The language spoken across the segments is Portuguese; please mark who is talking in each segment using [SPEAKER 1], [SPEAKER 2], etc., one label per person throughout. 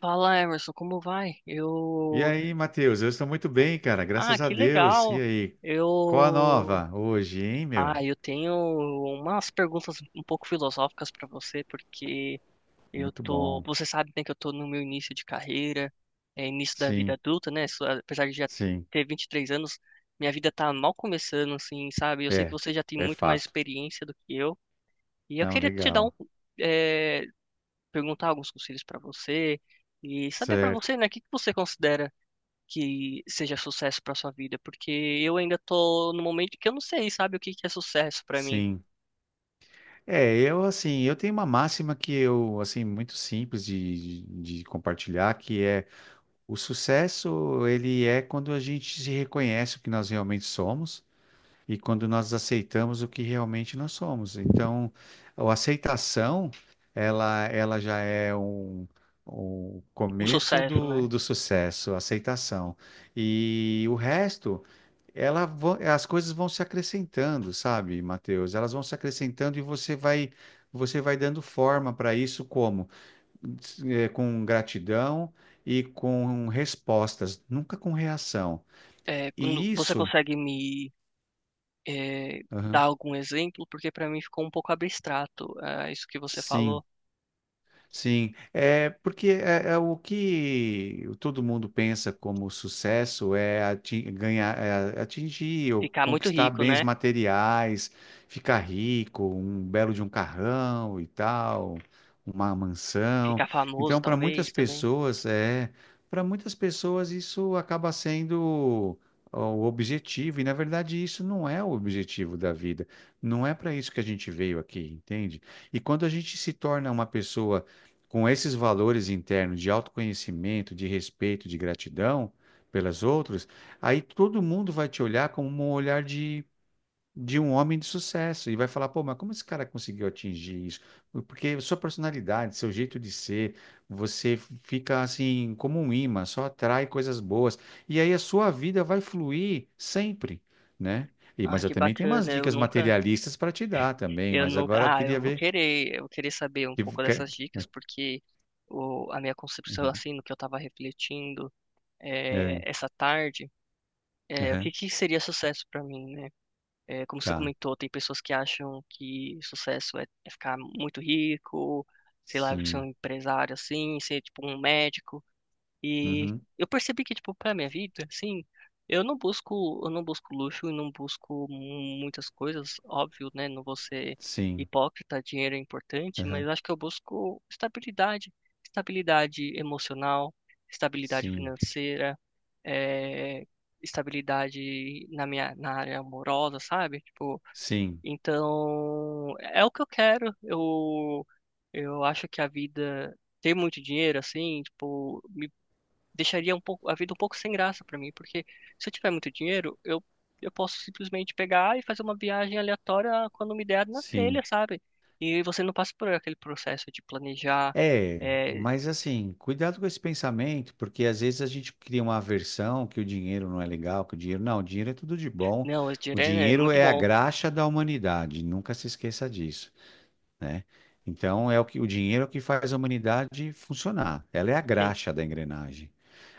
[SPEAKER 1] Fala, Emerson, como vai?
[SPEAKER 2] E
[SPEAKER 1] Eu.
[SPEAKER 2] aí, Matheus? Eu estou muito bem, cara,
[SPEAKER 1] Ah,
[SPEAKER 2] graças a
[SPEAKER 1] que
[SPEAKER 2] Deus. E
[SPEAKER 1] legal!
[SPEAKER 2] aí? Qual a
[SPEAKER 1] Eu.
[SPEAKER 2] nova hoje, hein, meu?
[SPEAKER 1] Ah, eu tenho umas perguntas um pouco filosóficas para você, porque eu
[SPEAKER 2] Muito
[SPEAKER 1] tô.
[SPEAKER 2] bom.
[SPEAKER 1] Você sabe, né, que eu tô no meu início de carreira, início da vida
[SPEAKER 2] Sim,
[SPEAKER 1] adulta, né? Só- Apesar de já
[SPEAKER 2] sim.
[SPEAKER 1] ter 23 anos, minha vida tá mal começando, assim, sabe? Eu sei que
[SPEAKER 2] É,
[SPEAKER 1] você já tem
[SPEAKER 2] é
[SPEAKER 1] muito mais
[SPEAKER 2] fato.
[SPEAKER 1] experiência do que eu, e eu
[SPEAKER 2] Não,
[SPEAKER 1] queria te dar um.
[SPEAKER 2] legal.
[SPEAKER 1] é, Perguntar alguns conselhos para você. E saber para
[SPEAKER 2] Certo.
[SPEAKER 1] você, né, o que que você considera que seja sucesso para sua vida, porque eu ainda tô no momento que eu não sei, sabe, o que que é sucesso para mim?
[SPEAKER 2] Sim. É, eu assim, eu tenho uma máxima que eu, assim, muito simples de compartilhar, que é o sucesso, ele é quando a gente se reconhece o que nós realmente somos e quando nós aceitamos o que realmente nós somos. Então, a aceitação, ela já é um, o
[SPEAKER 1] Um
[SPEAKER 2] começo
[SPEAKER 1] sucesso,
[SPEAKER 2] do,
[SPEAKER 1] né?
[SPEAKER 2] do sucesso, a aceitação. E o resto, as coisas vão se acrescentando, sabe, Mateus? Elas vão se acrescentando e você vai dando forma para isso como? Com gratidão e com respostas, nunca com reação.
[SPEAKER 1] É, quando-
[SPEAKER 2] E
[SPEAKER 1] você
[SPEAKER 2] isso,
[SPEAKER 1] consegue me dar
[SPEAKER 2] Aham.
[SPEAKER 1] algum exemplo? Porque para mim ficou um pouco abstrato, ah, isso que você
[SPEAKER 2] Sim.
[SPEAKER 1] falou.
[SPEAKER 2] Sim, é porque é o que todo mundo pensa como sucesso é ganhar, é atingir ou
[SPEAKER 1] Ficar muito
[SPEAKER 2] conquistar
[SPEAKER 1] rico,
[SPEAKER 2] bens
[SPEAKER 1] né?
[SPEAKER 2] materiais, ficar rico, um belo de um carrão e tal, uma mansão.
[SPEAKER 1] Ficar famoso,
[SPEAKER 2] Então,
[SPEAKER 1] talvez, também.
[SPEAKER 2] para muitas pessoas isso acaba sendo o objetivo, e na verdade isso não é o objetivo da vida. Não é para isso que a gente veio aqui, entende? E quando a gente se torna uma pessoa com esses valores internos de autoconhecimento, de respeito, de gratidão pelas outras, aí todo mundo vai te olhar como um olhar de um homem de sucesso e vai falar: pô, mas como esse cara conseguiu atingir isso? Porque sua personalidade, seu jeito de ser, você fica assim como um imã, só atrai coisas boas. E aí a sua vida vai fluir sempre, né? E,
[SPEAKER 1] Ah,
[SPEAKER 2] mas eu
[SPEAKER 1] que
[SPEAKER 2] também tenho umas
[SPEAKER 1] bacana,
[SPEAKER 2] dicas materialistas para te dar também,
[SPEAKER 1] eu
[SPEAKER 2] mas
[SPEAKER 1] nunca,
[SPEAKER 2] agora eu
[SPEAKER 1] ah,
[SPEAKER 2] queria ver.
[SPEAKER 1] eu vou querer saber um
[SPEAKER 2] que-
[SPEAKER 1] pouco
[SPEAKER 2] que-
[SPEAKER 1] dessas dicas, porque o, a minha concepção, assim, no que eu tava refletindo
[SPEAKER 2] É,
[SPEAKER 1] essa tarde. É, o que
[SPEAKER 2] aham.
[SPEAKER 1] que seria sucesso pra mim, né? É, como você
[SPEAKER 2] Tá.
[SPEAKER 1] comentou, tem pessoas que acham que sucesso é, é ficar muito rico, sei lá, ser um
[SPEAKER 2] Sim.
[SPEAKER 1] empresário assim, ser tipo um médico. E
[SPEAKER 2] Uhum.
[SPEAKER 1] eu percebi que, tipo, pra minha vida, assim, eu não busco luxo e não busco muitas coisas, óbvio, né? Não vou ser
[SPEAKER 2] Sim.
[SPEAKER 1] hipócrita, dinheiro é importante, mas
[SPEAKER 2] Aham.
[SPEAKER 1] acho que eu busco estabilidade, estabilidade emocional, estabilidade
[SPEAKER 2] Sim.
[SPEAKER 1] financeira, eh, estabilidade na minha, na área amorosa, sabe? Tipo,
[SPEAKER 2] Sim.
[SPEAKER 1] então, é o que eu quero. Eu acho que a vida ter muito dinheiro, assim, tipo, me deixaria um pouco a vida um pouco sem graça pra mim, porque se eu tiver muito dinheiro, eu posso simplesmente pegar e fazer uma viagem aleatória quando me der na telha,
[SPEAKER 2] Sim.
[SPEAKER 1] sabe? E você não passa por aquele processo de planejar,
[SPEAKER 2] É,
[SPEAKER 1] é,
[SPEAKER 2] mas assim, cuidado com esse pensamento, porque às vezes a gente cria uma aversão que o dinheiro não é legal, que o dinheiro. Não, o dinheiro é tudo de bom.
[SPEAKER 1] não, esse
[SPEAKER 2] O
[SPEAKER 1] dinheiro é
[SPEAKER 2] dinheiro
[SPEAKER 1] muito
[SPEAKER 2] é a
[SPEAKER 1] bom,
[SPEAKER 2] graxa da humanidade, nunca se esqueça disso, né? Então é o que o dinheiro é o que faz a humanidade funcionar. Ela é a
[SPEAKER 1] sim,
[SPEAKER 2] graxa da engrenagem.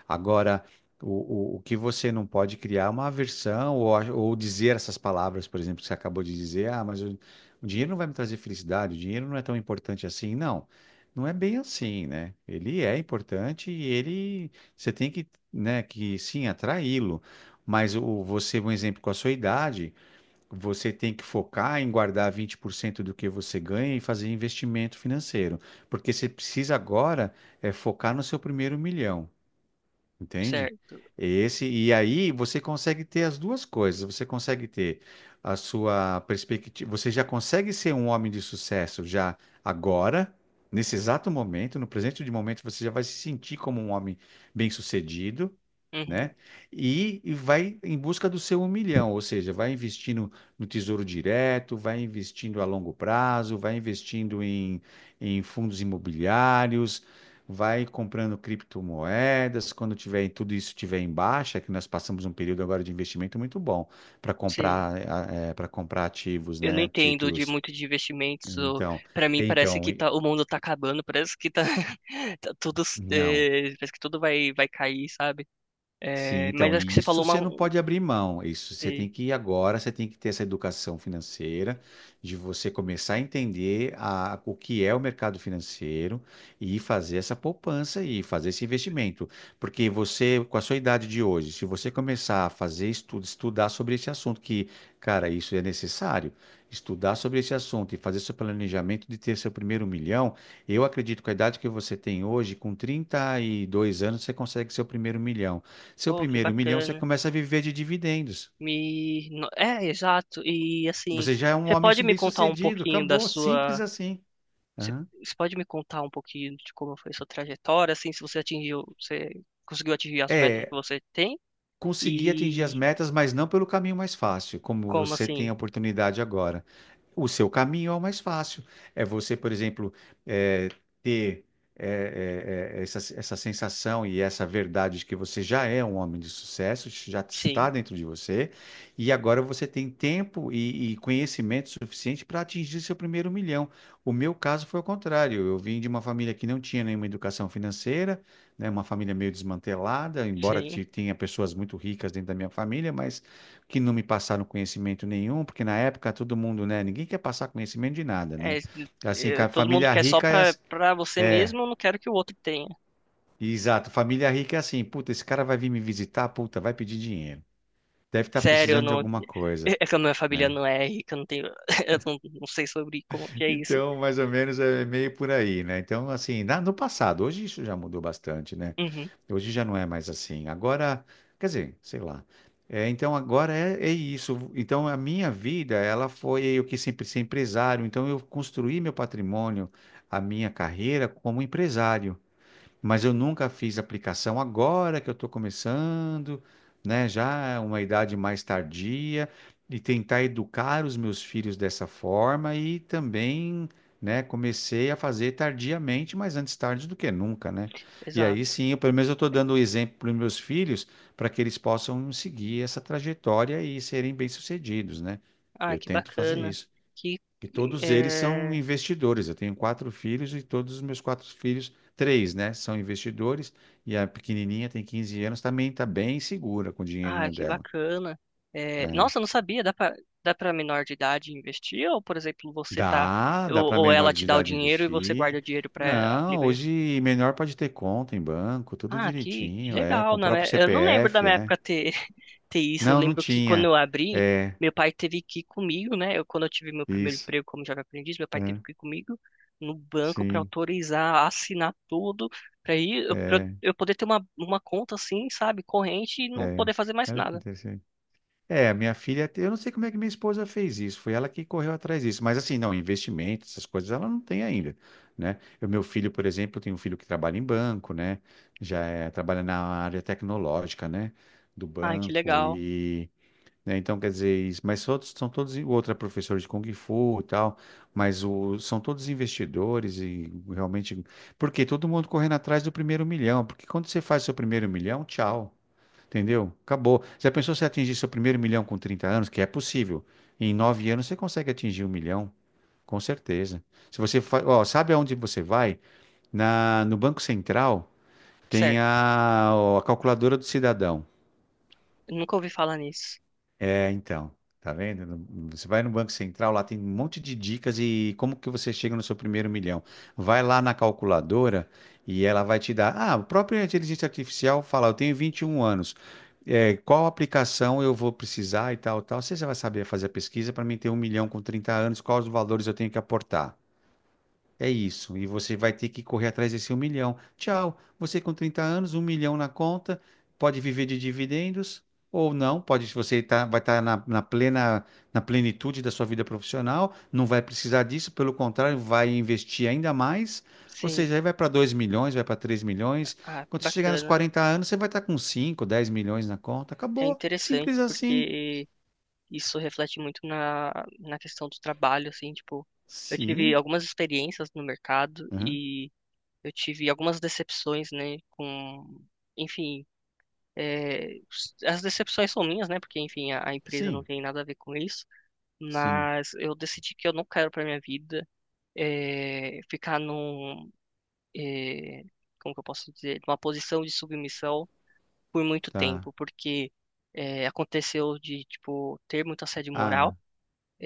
[SPEAKER 2] Agora, o que você não pode criar é uma aversão ou, ou dizer essas palavras, por exemplo, que você acabou de dizer, ah, mas o dinheiro não vai me trazer felicidade, o dinheiro não é tão importante assim. Não, não é bem assim, né? Ele é importante e ele, você tem que, né, que sim, atraí-lo. Mas o, você, um exemplo, com a sua idade, você tem que focar em guardar 20% do que você ganha e fazer investimento financeiro. Porque você precisa agora é focar no seu primeiro milhão. Entende?
[SPEAKER 1] certo.
[SPEAKER 2] Esse, e aí você consegue ter as duas coisas. Você consegue ter a sua perspectiva. Você já consegue ser um homem de sucesso já agora, nesse exato momento, no presente de momento, você já vai se sentir como um homem bem-sucedido,
[SPEAKER 1] Uhum,
[SPEAKER 2] né? E vai em busca do seu um milhão, ou seja, vai investindo no Tesouro Direto, vai investindo a longo prazo, vai investindo em fundos imobiliários, vai comprando criptomoedas. Quando tiver tudo isso tiver em baixa, que nós passamos um período agora de investimento muito bom para
[SPEAKER 1] sim.
[SPEAKER 2] comprar para comprar ativos,
[SPEAKER 1] Eu não
[SPEAKER 2] né?
[SPEAKER 1] entendo de
[SPEAKER 2] Títulos.
[SPEAKER 1] muito de investimentos. Ou-
[SPEAKER 2] Então,
[SPEAKER 1] Pra mim parece
[SPEAKER 2] então,
[SPEAKER 1] que
[SPEAKER 2] e-
[SPEAKER 1] tá, o mundo tá acabando, parece que tá, tá tudo,
[SPEAKER 2] não.
[SPEAKER 1] é, parece que tudo vai cair, sabe?
[SPEAKER 2] Sim,
[SPEAKER 1] É,
[SPEAKER 2] então,
[SPEAKER 1] mas acho que
[SPEAKER 2] e
[SPEAKER 1] você
[SPEAKER 2] isso
[SPEAKER 1] falou uma,
[SPEAKER 2] você não
[SPEAKER 1] um-
[SPEAKER 2] pode abrir mão. Isso você tem
[SPEAKER 1] sim.
[SPEAKER 2] que ir agora, você tem que ter essa educação financeira, de você começar a entender a, o que é o mercado financeiro e fazer essa poupança e fazer esse investimento. Porque você, com a sua idade de hoje, se você começar a fazer estudo, estudar sobre esse assunto, que, cara, isso é necessário, estudar sobre esse assunto e fazer seu planejamento de ter seu primeiro milhão, eu acredito que com a idade que você tem hoje, com 32 anos, você consegue seu primeiro milhão. Seu
[SPEAKER 1] Pô, que
[SPEAKER 2] primeiro milhão, você
[SPEAKER 1] bacana.
[SPEAKER 2] começa a viver de dividendos.
[SPEAKER 1] Me... no- É, exato. E assim,
[SPEAKER 2] Você já é um
[SPEAKER 1] você
[SPEAKER 2] homem
[SPEAKER 1] pode me contar um
[SPEAKER 2] bem-sucedido,
[SPEAKER 1] pouquinho da
[SPEAKER 2] acabou, simples
[SPEAKER 1] sua.
[SPEAKER 2] assim.
[SPEAKER 1] Você
[SPEAKER 2] Aham.
[SPEAKER 1] Você pode me contar um pouquinho de como foi sua trajetória, assim, se você atingiu, você conseguiu atingir as metas que
[SPEAKER 2] É,
[SPEAKER 1] você tem?
[SPEAKER 2] conseguir atingir
[SPEAKER 1] E
[SPEAKER 2] as metas, mas não pelo caminho mais fácil, como
[SPEAKER 1] como
[SPEAKER 2] você tem
[SPEAKER 1] assim?
[SPEAKER 2] a oportunidade agora. O seu caminho é o mais fácil. É você, por exemplo, eh, ter essa sensação e essa verdade de que você já é um homem de sucesso, isso já está
[SPEAKER 1] Sim,
[SPEAKER 2] dentro de você, e agora você tem tempo e conhecimento suficiente para atingir seu primeiro milhão. O meu caso foi o contrário. Eu vim de uma família que não tinha nenhuma educação financeira, né, uma família meio desmantelada, embora
[SPEAKER 1] sim.
[SPEAKER 2] tenha pessoas muito ricas dentro da minha família, mas que não me passaram conhecimento nenhum, porque na época todo mundo, né, ninguém quer passar conhecimento de nada,
[SPEAKER 1] É,
[SPEAKER 2] né? Assim,
[SPEAKER 1] é, todo mundo
[SPEAKER 2] família
[SPEAKER 1] quer só
[SPEAKER 2] rica é
[SPEAKER 1] pra,
[SPEAKER 2] as-
[SPEAKER 1] pra você mesmo, eu não quero que o outro tenha.
[SPEAKER 2] Exato, família rica é assim, puta, esse cara vai vir me visitar, puta, vai pedir dinheiro. Deve estar
[SPEAKER 1] Sério, eu
[SPEAKER 2] precisando de
[SPEAKER 1] não. É
[SPEAKER 2] alguma coisa,
[SPEAKER 1] é que a minha família
[SPEAKER 2] né?
[SPEAKER 1] não é rica, eu não tenho. Eu não, não sei sobre como que é isso.
[SPEAKER 2] Então, mais ou menos é meio por aí, né? Então, assim, no passado, hoje isso já mudou bastante, né?
[SPEAKER 1] Uhum,
[SPEAKER 2] Hoje já não é mais assim. Agora, quer dizer, sei lá. É, então, agora é isso. Então, a minha vida, ela foi eu que sempre ser empresário. Então, eu construí meu patrimônio, a minha carreira como empresário, mas eu nunca fiz aplicação. Agora que eu estou começando, né, já é uma idade mais tardia, e tentar educar os meus filhos dessa forma e também, né, comecei a fazer tardiamente, mas antes tarde do que nunca, né? E aí
[SPEAKER 1] exato.
[SPEAKER 2] sim, eu, pelo menos eu estou dando o exemplo para os meus filhos para que eles possam seguir essa trajetória e serem bem-sucedidos, né?
[SPEAKER 1] Ah,
[SPEAKER 2] Eu
[SPEAKER 1] que
[SPEAKER 2] tento fazer
[SPEAKER 1] bacana.
[SPEAKER 2] isso
[SPEAKER 1] Que.
[SPEAKER 2] que todos eles são
[SPEAKER 1] é,
[SPEAKER 2] investidores. Eu tenho quatro filhos e todos os meus quatro filhos, três, né, são investidores. E a pequenininha tem 15 anos, também está bem segura com o
[SPEAKER 1] Ah,
[SPEAKER 2] dinheirinho
[SPEAKER 1] que
[SPEAKER 2] dela,
[SPEAKER 1] bacana. É,
[SPEAKER 2] né?
[SPEAKER 1] nossa, eu não sabia. Dá para menor de idade investir? Ou, por exemplo, você tá.
[SPEAKER 2] Dá para
[SPEAKER 1] Ou ela
[SPEAKER 2] menor
[SPEAKER 1] te
[SPEAKER 2] de
[SPEAKER 1] dá o
[SPEAKER 2] idade
[SPEAKER 1] dinheiro e você guarda
[SPEAKER 2] investir.
[SPEAKER 1] o dinheiro pra
[SPEAKER 2] Não,
[SPEAKER 1] aplicar.
[SPEAKER 2] hoje menor pode ter conta em banco, tudo
[SPEAKER 1] Ah, que
[SPEAKER 2] direitinho, é, com
[SPEAKER 1] legal.
[SPEAKER 2] o
[SPEAKER 1] Na
[SPEAKER 2] próprio
[SPEAKER 1] minha- eu não lembro da
[SPEAKER 2] CPF,
[SPEAKER 1] minha
[SPEAKER 2] é.
[SPEAKER 1] época ter, ter isso. Eu
[SPEAKER 2] Não, não
[SPEAKER 1] lembro que quando
[SPEAKER 2] tinha.
[SPEAKER 1] eu abri,
[SPEAKER 2] É,
[SPEAKER 1] meu pai teve que ir comigo, né? Eu, quando eu tive meu primeiro
[SPEAKER 2] isso.
[SPEAKER 1] emprego como jovem aprendiz, meu pai teve
[SPEAKER 2] É,
[SPEAKER 1] que ir comigo no banco pra
[SPEAKER 2] sim,
[SPEAKER 1] autorizar, assinar tudo, pra ir, eu, pra
[SPEAKER 2] é,
[SPEAKER 1] eu poder ter uma conta assim, sabe, corrente e não
[SPEAKER 2] é.
[SPEAKER 1] poder fazer mais
[SPEAKER 2] Olha que
[SPEAKER 1] nada.
[SPEAKER 2] interessante. É, minha filha, eu não sei como é que minha esposa fez isso, foi ela que correu atrás disso, mas assim, não, investimento, essas coisas ela não tem ainda, né? O meu filho, por exemplo, tem um filho que trabalha em banco, né? Já é, trabalha na área tecnológica, né? Do
[SPEAKER 1] Ai, que
[SPEAKER 2] banco
[SPEAKER 1] legal.
[SPEAKER 2] e, né? Então, quer dizer, mas outros são todos, o outro é professor de Kung Fu e tal, mas o, são todos investidores e realmente, porque todo mundo correndo atrás do primeiro milhão, porque quando você faz seu primeiro milhão, tchau. Entendeu? Acabou. Já pensou se atingir seu primeiro milhão com 30 anos? Que é possível. Em 9 anos você consegue atingir um milhão. Com certeza. Se você ó, sabe aonde você vai? No Banco Central tem
[SPEAKER 1] Certo.
[SPEAKER 2] a calculadora do cidadão.
[SPEAKER 1] Eu nunca ouvi falar nisso.
[SPEAKER 2] É, então, tá vendo? Você vai no Banco Central, lá tem um monte de dicas e como que você chega no seu primeiro milhão. Vai lá na calculadora e ela vai te dar. Ah, o próprio inteligência artificial fala, eu tenho 21 anos. É, qual aplicação eu vou precisar e tal, tal. Você já vai saber fazer a pesquisa para mim ter um milhão com 30 anos, quais os valores eu tenho que aportar. É isso, e você vai ter que correr atrás desse um milhão. Tchau, você com 30 anos, um milhão na conta, pode viver de dividendos ou não, pode, você tá, vai estar na, na plena, na plenitude da sua vida profissional, não vai precisar disso, pelo contrário, vai investir ainda mais, ou
[SPEAKER 1] Sim.
[SPEAKER 2] seja, aí vai para 2 milhões, vai para 3 milhões.
[SPEAKER 1] Ah, que
[SPEAKER 2] Quando você chegar nos
[SPEAKER 1] bacana.
[SPEAKER 2] 40 anos, você vai estar com cinco dez milhões na conta,
[SPEAKER 1] É
[SPEAKER 2] acabou,
[SPEAKER 1] interessante
[SPEAKER 2] simples assim.
[SPEAKER 1] porque isso reflete muito na, na questão do trabalho, assim, tipo, eu tive
[SPEAKER 2] Sim,
[SPEAKER 1] algumas experiências no mercado
[SPEAKER 2] aham.
[SPEAKER 1] e eu tive algumas decepções, né, com, enfim, é, as decepções são minhas, né, porque, enfim, a empresa não
[SPEAKER 2] Sim,
[SPEAKER 1] tem nada a ver com isso,
[SPEAKER 2] sim,
[SPEAKER 1] mas eu decidi que eu não quero para minha vida ficar num, é, como que eu posso dizer, numa posição de submissão por muito
[SPEAKER 2] tá.
[SPEAKER 1] tempo, porque é, aconteceu de, tipo, ter muita assédio
[SPEAKER 2] Ah,
[SPEAKER 1] moral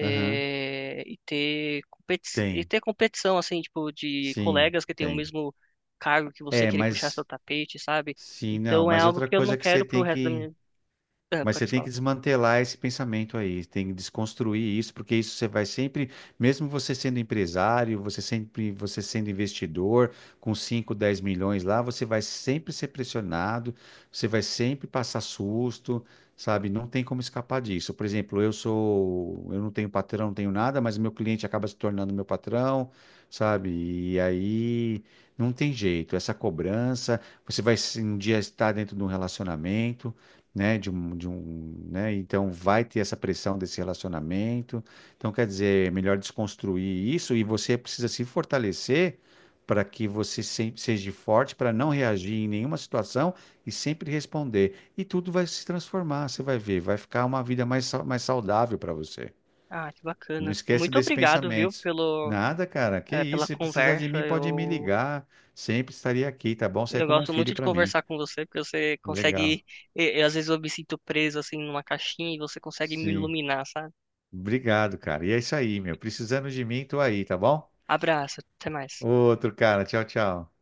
[SPEAKER 2] aham.
[SPEAKER 1] e ter
[SPEAKER 2] Tem.
[SPEAKER 1] competição, assim, tipo, de
[SPEAKER 2] Sim,
[SPEAKER 1] colegas que têm o
[SPEAKER 2] tem.
[SPEAKER 1] mesmo cargo que você
[SPEAKER 2] É,
[SPEAKER 1] querer puxar seu
[SPEAKER 2] mas
[SPEAKER 1] tapete, sabe?
[SPEAKER 2] sim, não.
[SPEAKER 1] Então é
[SPEAKER 2] Mas
[SPEAKER 1] algo
[SPEAKER 2] outra
[SPEAKER 1] que eu não
[SPEAKER 2] coisa que você
[SPEAKER 1] quero pro
[SPEAKER 2] tem
[SPEAKER 1] resto da
[SPEAKER 2] que,
[SPEAKER 1] minha... Ah,
[SPEAKER 2] mas você
[SPEAKER 1] pode
[SPEAKER 2] tem que
[SPEAKER 1] falar.
[SPEAKER 2] desmantelar esse pensamento aí, tem que desconstruir isso, porque isso você vai sempre, mesmo você sendo empresário, você sempre, você sendo investidor, com 5, 10 milhões lá, você vai sempre ser pressionado, você vai sempre passar susto, sabe? Não tem como escapar disso. Por exemplo, eu sou, eu não tenho patrão, não tenho nada, mas meu cliente acaba se tornando meu patrão, sabe? E aí não tem jeito, essa cobrança, você vai um dia estar dentro de um relacionamento, né, de um, né, então vai ter essa pressão desse relacionamento. Então, quer dizer, é melhor desconstruir isso e você precisa se fortalecer para que você seja forte para não reagir em nenhuma situação e sempre responder. E tudo vai se transformar, você vai ver, vai ficar uma vida mais, mais saudável para você.
[SPEAKER 1] Ah, que
[SPEAKER 2] Não
[SPEAKER 1] bacana.
[SPEAKER 2] esquece
[SPEAKER 1] Muito
[SPEAKER 2] desses
[SPEAKER 1] obrigado, viu,
[SPEAKER 2] pensamentos.
[SPEAKER 1] pelo,
[SPEAKER 2] Nada, cara, que isso,
[SPEAKER 1] pela
[SPEAKER 2] se precisar de
[SPEAKER 1] conversa.
[SPEAKER 2] mim, pode me ligar. Sempre estaria aqui, tá bom? Você é
[SPEAKER 1] Eu
[SPEAKER 2] como um
[SPEAKER 1] gosto
[SPEAKER 2] filho
[SPEAKER 1] muito de
[SPEAKER 2] para mim.
[SPEAKER 1] conversar com você, porque você
[SPEAKER 2] Legal.
[SPEAKER 1] consegue. E às vezes eu me sinto preso assim numa caixinha e você consegue me
[SPEAKER 2] Sim.
[SPEAKER 1] iluminar, sabe?
[SPEAKER 2] Obrigado, cara. E é isso aí, meu. Precisando de mim, tô aí, tá bom?
[SPEAKER 1] Abraço, até mais.
[SPEAKER 2] Outro, cara. Tchau, tchau.